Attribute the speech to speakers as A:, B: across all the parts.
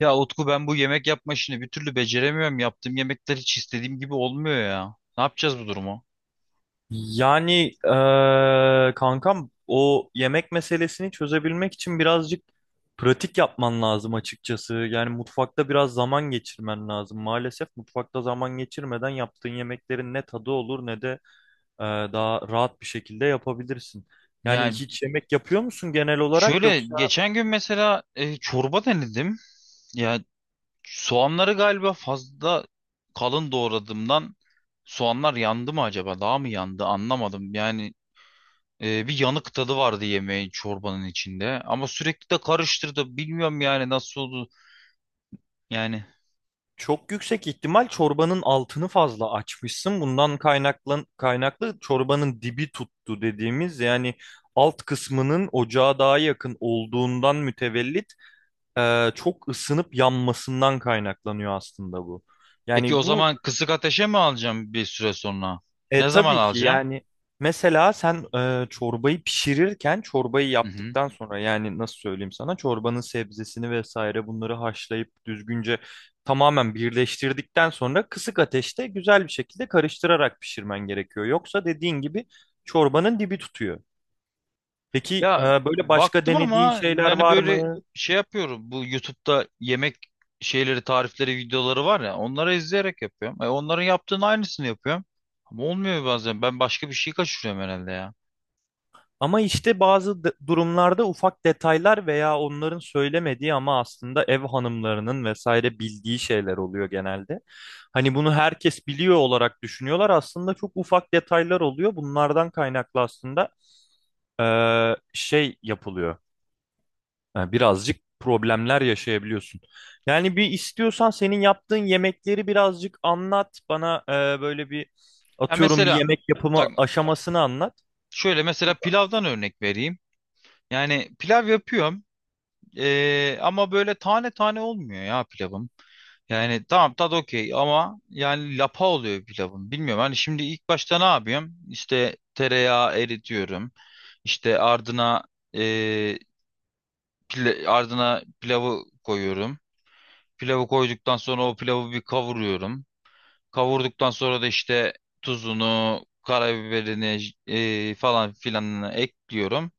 A: Ya Utku ben bu yemek yapma işini bir türlü beceremiyorum. Yaptığım yemekler hiç istediğim gibi olmuyor ya. Ne yapacağız bu durumu?
B: Yani kankam o yemek meselesini çözebilmek için birazcık pratik yapman lazım açıkçası. Yani mutfakta biraz zaman geçirmen lazım. Maalesef mutfakta zaman geçirmeden yaptığın yemeklerin ne tadı olur ne de eee, daha rahat bir şekilde yapabilirsin. Yani
A: Yani
B: hiç yemek yapıyor musun genel olarak
A: şöyle
B: yoksa?
A: geçen gün mesela çorba denedim. Ya soğanları galiba fazla kalın doğradığımdan soğanlar yandı mı acaba? Daha mı yandı? Anlamadım. Yani bir yanık tadı vardı yemeğin çorbanın içinde. Ama sürekli de karıştırdı. Bilmiyorum yani nasıl oldu. Yani
B: Çok yüksek ihtimal çorbanın altını fazla açmışsın. Bundan kaynaklı çorbanın dibi tuttu dediğimiz yani alt kısmının ocağa daha yakın olduğundan mütevellit çok ısınıp yanmasından kaynaklanıyor aslında bu.
A: peki
B: Yani
A: o
B: bu
A: zaman kısık ateşe mi alacağım bir süre sonra? Ne zaman
B: tabii ki
A: alacağım?
B: yani mesela sen çorbayı pişirirken çorbayı
A: Hı.
B: yaptıktan sonra yani nasıl söyleyeyim sana çorbanın sebzesini vesaire bunları haşlayıp düzgünce tamamen birleştirdikten sonra kısık ateşte güzel bir şekilde karıştırarak pişirmen gerekiyor. Yoksa dediğin gibi çorbanın dibi tutuyor. Peki
A: Ya
B: böyle başka
A: baktım
B: denediğin
A: ama
B: şeyler
A: yani
B: var
A: böyle
B: mı?
A: şey yapıyorum. Bu YouTube'da yemek şeyleri, tarifleri, videoları var ya. Onları izleyerek yapıyorum. Onların yaptığının aynısını yapıyorum. Ama olmuyor bazen. Ben başka bir şey kaçırıyorum herhalde ya.
B: Ama işte bazı durumlarda ufak detaylar veya onların söylemediği ama aslında ev hanımlarının vesaire bildiği şeyler oluyor genelde. Hani bunu herkes biliyor olarak düşünüyorlar. Aslında çok ufak detaylar oluyor. Bunlardan kaynaklı aslında şey yapılıyor. Yani birazcık problemler yaşayabiliyorsun. Yani bir istiyorsan senin yaptığın yemekleri birazcık anlat. Bana böyle bir
A: Ya
B: atıyorum bir
A: mesela
B: yemek yapımı
A: bak
B: aşamasını anlat.
A: şöyle mesela pilavdan örnek vereyim. Yani pilav yapıyorum. E, ama böyle tane tane olmuyor ya pilavım. Yani tamam tadı okey ama yani lapa oluyor pilavım. Bilmiyorum hani şimdi ilk başta ne yapıyorum? İşte tereyağı eritiyorum. İşte ardına eee, ardına pilavı koyuyorum. Pilavı koyduktan sonra o pilavı bir kavuruyorum. Kavurduktan sonra da işte tuzunu, karabiberini falan filanını ekliyorum.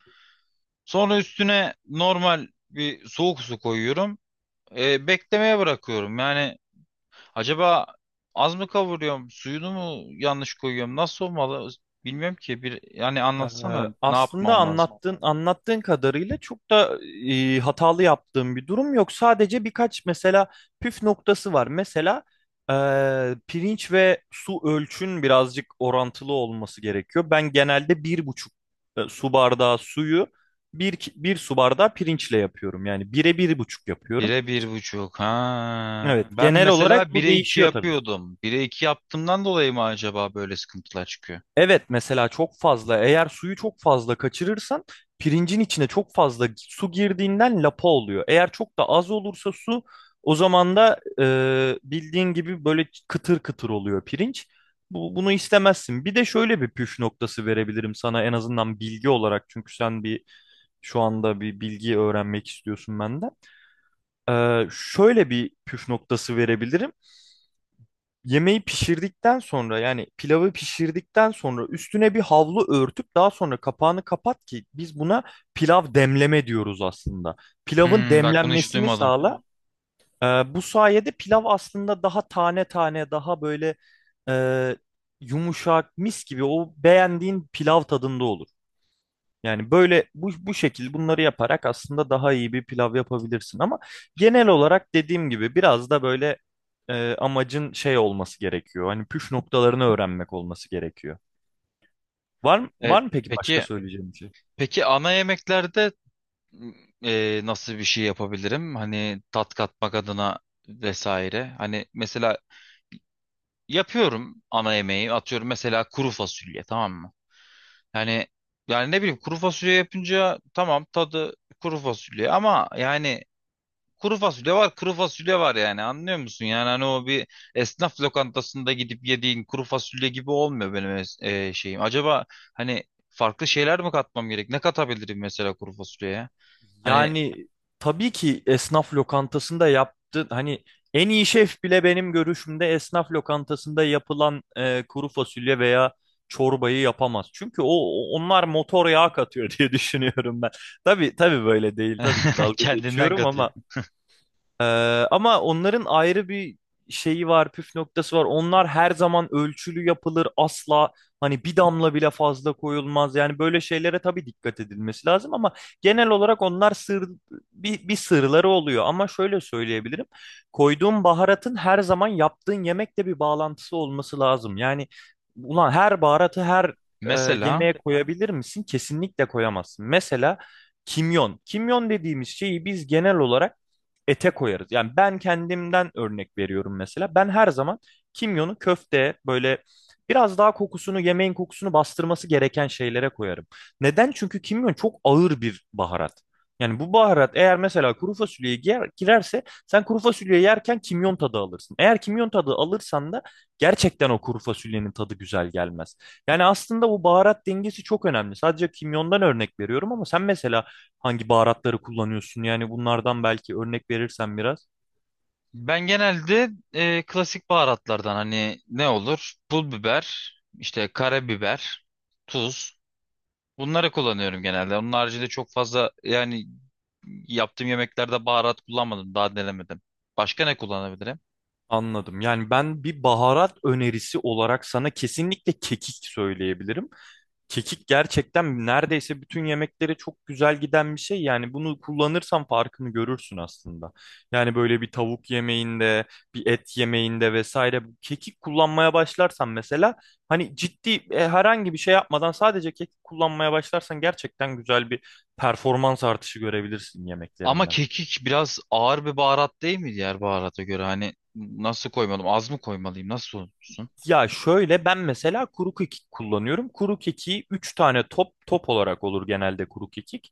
A: Sonra üstüne normal bir soğuk su koyuyorum. Beklemeye bırakıyorum. Yani acaba az mı kavuruyorum, suyunu mu yanlış koyuyorum? Nasıl olmalı? Bilmiyorum ki. Bir yani
B: Ee,
A: anlatsana ne
B: Aslında
A: yapmam lazım.
B: anlattığın kadarıyla çok da hatalı yaptığım bir durum yok. Sadece birkaç mesela püf noktası var. Mesela e, pirinç ve su ölçün birazcık orantılı olması gerekiyor. Ben genelde bir buçuk su bardağı suyu bir su bardağı pirinçle yapıyorum. Yani bire bir buçuk yapıyorum.
A: Bire bir buçuk. Ha.
B: Evet,
A: Ben
B: genel
A: mesela
B: olarak bu
A: bire iki
B: değişiyor tabii.
A: yapıyordum. Bire iki yaptığımdan dolayı mı acaba böyle sıkıntılar çıkıyor?
B: Evet mesela çok fazla eğer suyu çok fazla kaçırırsan pirincin içine çok fazla su girdiğinden lapa oluyor. Eğer çok da az olursa su o zaman da bildiğin gibi böyle kıtır kıtır oluyor pirinç. Bunu istemezsin. Bir de şöyle bir püf noktası verebilirim sana en azından bilgi olarak çünkü sen bir şu anda bir bilgi öğrenmek istiyorsun benden. E, şöyle bir püf noktası verebilirim. Yemeği pişirdikten sonra yani pilavı pişirdikten sonra üstüne bir havlu örtüp daha sonra kapağını kapat ki biz buna pilav demleme diyoruz aslında. Pilavın
A: Hmm, bak bunu hiç
B: demlenmesini
A: duymadım.
B: sağla. Ee, Bu sayede pilav aslında daha tane tane daha böyle e, yumuşak mis gibi o beğendiğin pilav tadında olur. Yani böyle bu şekil bunları yaparak aslında daha iyi bir pilav yapabilirsin ama genel olarak dediğim gibi biraz da böyle amacın şey olması gerekiyor. Hani püf noktalarını öğrenmek olması gerekiyor. Var mı,
A: E,
B: var mı peki başka
A: peki
B: söyleyeceğim bir şey?
A: peki ana yemeklerde m, nasıl bir şey yapabilirim? Hani tat katmak adına vesaire. Hani mesela yapıyorum ana yemeği. Atıyorum mesela kuru fasulye tamam mı? Yani yani ne bileyim kuru fasulye yapınca tamam tadı kuru fasulye ama yani kuru fasulye var, kuru fasulye var yani anlıyor musun? Yani hani o bir esnaf lokantasında gidip yediğin kuru fasulye gibi olmuyor benim şeyim. Acaba hani farklı şeyler mi katmam gerek? Ne katabilirim mesela kuru fasulyeye? Hani
B: Yani tabii ki esnaf lokantasında yaptı hani en iyi şef bile benim görüşümde esnaf lokantasında yapılan kuru fasulye veya çorbayı yapamaz. Çünkü onlar motor yağı katıyor diye düşünüyorum ben. Tabii tabii böyle değil. Tabii ki dalga
A: kendinden
B: geçiyorum
A: katıyor.
B: ama ee, ama onların ayrı bir şeyi var, püf noktası var. Onlar her zaman ölçülü yapılır, asla hani bir damla bile fazla koyulmaz. Yani böyle şeylere tabii dikkat edilmesi lazım ama genel olarak onlar sır bir sırları oluyor. Ama şöyle söyleyebilirim. Koyduğun baharatın her zaman yaptığın yemekle bir bağlantısı olması lazım. Yani ulan her baharatı her
A: Mesela
B: yemeğe koyabilir misin? Kesinlikle koyamazsın. Mesela kimyon. Kimyon dediğimiz şeyi biz genel olarak ete koyarız. Yani ben kendimden örnek veriyorum mesela. Ben her zaman kimyonu köfteye böyle biraz daha kokusunu, yemeğin kokusunu bastırması gereken şeylere koyarım. Neden? Çünkü kimyon çok ağır bir baharat. Yani bu baharat eğer mesela kuru fasulyeye girerse sen kuru fasulyeyi yerken kimyon tadı alırsın. Eğer kimyon tadı alırsan da gerçekten o kuru fasulyenin tadı güzel gelmez. Yani aslında bu baharat dengesi çok önemli. Sadece kimyondan örnek veriyorum ama sen mesela hangi baharatları kullanıyorsun? Yani bunlardan belki örnek verirsen biraz.
A: ben genelde klasik baharatlardan hani ne olur? Pul biber, işte karabiber, tuz. Bunları kullanıyorum genelde. Onun haricinde çok fazla yani yaptığım yemeklerde baharat kullanmadım. Daha denemedim. Başka ne kullanabilirim?
B: Anladım. Yani ben bir baharat önerisi olarak sana kesinlikle kekik söyleyebilirim. Kekik gerçekten neredeyse bütün yemeklere çok güzel giden bir şey. Yani bunu kullanırsan farkını görürsün aslında. Yani böyle bir tavuk yemeğinde, bir et yemeğinde vesaire bu kekik kullanmaya başlarsan mesela hani ciddi herhangi bir şey yapmadan sadece kekik kullanmaya başlarsan gerçekten güzel bir performans artışı görebilirsin
A: Ama
B: yemeklerinden.
A: kekik biraz ağır bir baharat değil mi diğer baharata göre? Hani nasıl koymalım? Az mı koymalıyım? Nasıl olsun?
B: Ya şöyle ben mesela kuru kekik kullanıyorum. Kuru kekiği 3 tane top top olarak olur genelde kuru kekik.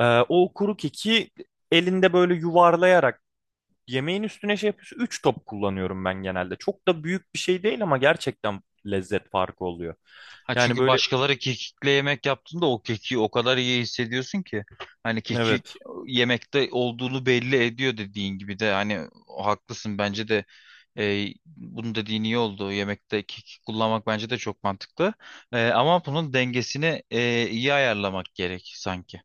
B: O kuru kekiği elinde böyle yuvarlayarak yemeğin üstüne şey yapıyorsun. Üç top kullanıyorum ben genelde. Çok da büyük bir şey değil ama gerçekten lezzet farkı oluyor.
A: Ha
B: Yani
A: çünkü
B: böyle
A: başkaları kekikle yemek yaptığında o kekiği o kadar iyi hissediyorsun ki hani kekik
B: evet.
A: yemekte olduğunu belli ediyor dediğin gibi de hani haklısın bence de bunun dediğin iyi oldu. Yemekte kekik kullanmak bence de çok mantıklı. Ama bunun dengesini iyi ayarlamak gerek sanki.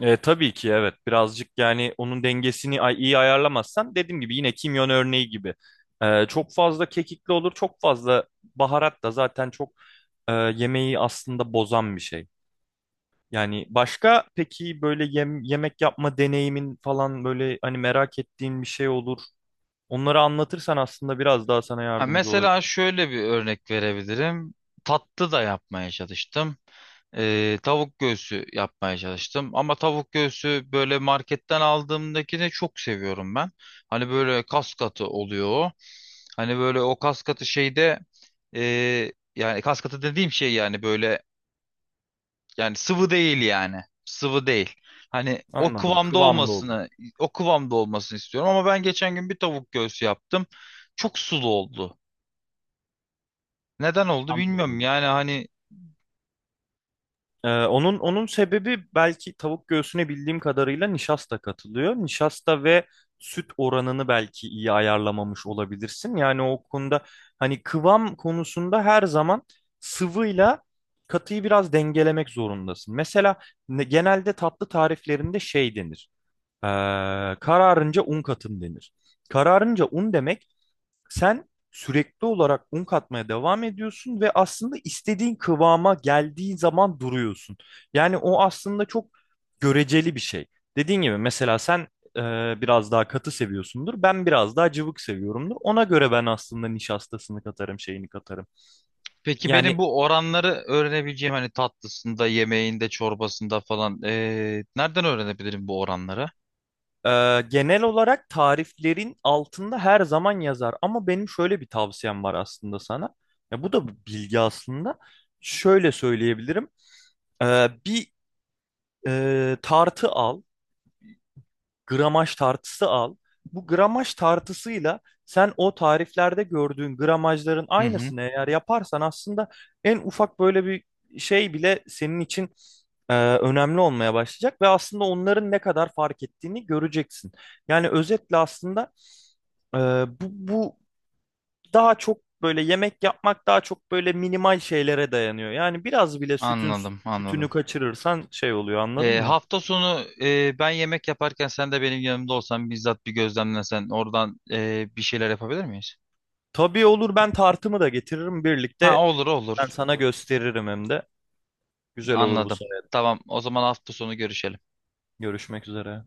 B: E, tabii ki evet birazcık yani onun dengesini iyi ayarlamazsan dediğim gibi yine kimyon örneği gibi e, çok fazla kekikli olur çok fazla baharat da zaten çok yemeği aslında bozan bir şey. Yani başka peki böyle yemek yapma deneyimin falan böyle hani merak ettiğin bir şey olur. Onları anlatırsan aslında biraz daha sana
A: Ha,
B: yardımcı
A: mesela
B: olabilir.
A: şöyle bir örnek verebilirim. Tatlı da yapmaya çalıştım. Tavuk göğsü yapmaya çalıştım. Ama tavuk göğsü böyle marketten aldığımdakini çok seviyorum ben. Hani böyle kas katı oluyor o. Hani böyle o kas katı şeyde yani kas katı dediğim şey yani böyle yani sıvı değil yani. Sıvı değil. Hani o
B: Anladım,
A: kıvamda
B: kıvamlı oluyor.
A: olmasını, o kıvamda olmasını istiyorum ama ben geçen gün bir tavuk göğsü yaptım. Çok sulu oldu. Neden oldu bilmiyorum.
B: Anladım.
A: Yani hani
B: Onun sebebi belki tavuk göğsüne bildiğim kadarıyla nişasta katılıyor. Nişasta ve süt oranını belki iyi ayarlamamış olabilirsin. Yani o konuda hani kıvam konusunda her zaman sıvıyla katıyı biraz dengelemek zorundasın. Mesela genelde tatlı tariflerinde şey denir. Ee, Kararınca un katın denir. Kararınca un demek sen sürekli olarak un katmaya devam ediyorsun ve aslında istediğin kıvama geldiği zaman duruyorsun. Yani o aslında çok göreceli bir şey. Dediğin gibi mesela sen e, biraz daha katı seviyorsundur. Ben biraz daha cıvık seviyorumdur. Ona göre ben aslında nişastasını katarım, şeyini katarım.
A: peki benim
B: Yani
A: bu oranları öğrenebileceğim hani tatlısında, yemeğinde, çorbasında falan nereden öğrenebilirim bu oranları?
B: e, genel olarak tariflerin altında her zaman yazar. Ama benim şöyle bir tavsiyem var aslında sana. Ya bu da bir bilgi aslında. Şöyle söyleyebilirim. Ee, bir tartı al, gramaj tartısı al. Bu gramaj tartısıyla sen o tariflerde gördüğün gramajların
A: Hı hı.
B: aynısını eğer yaparsan aslında en ufak böyle bir şey bile senin için önemli olmaya başlayacak ve aslında onların ne kadar fark ettiğini göreceksin. Yani özetle aslında e, bu daha çok böyle yemek yapmak daha çok böyle minimal şeylere dayanıyor. Yani biraz bile sütün
A: Anladım,
B: sütünü
A: anladım.
B: kaçırırsan şey oluyor anladın mı?
A: Hafta sonu ben yemek yaparken sen de benim yanımda olsan bizzat bir gözlemlesen oradan bir şeyler yapabilir miyiz?
B: Tabii olur, ben tartımı da getiririm
A: Ha,
B: birlikte.
A: olur
B: Ben
A: olur.
B: sana gösteririm hem de. Güzel olur bu
A: Anladım.
B: sene.
A: Tamam, o zaman hafta sonu görüşelim.
B: Görüşmek üzere.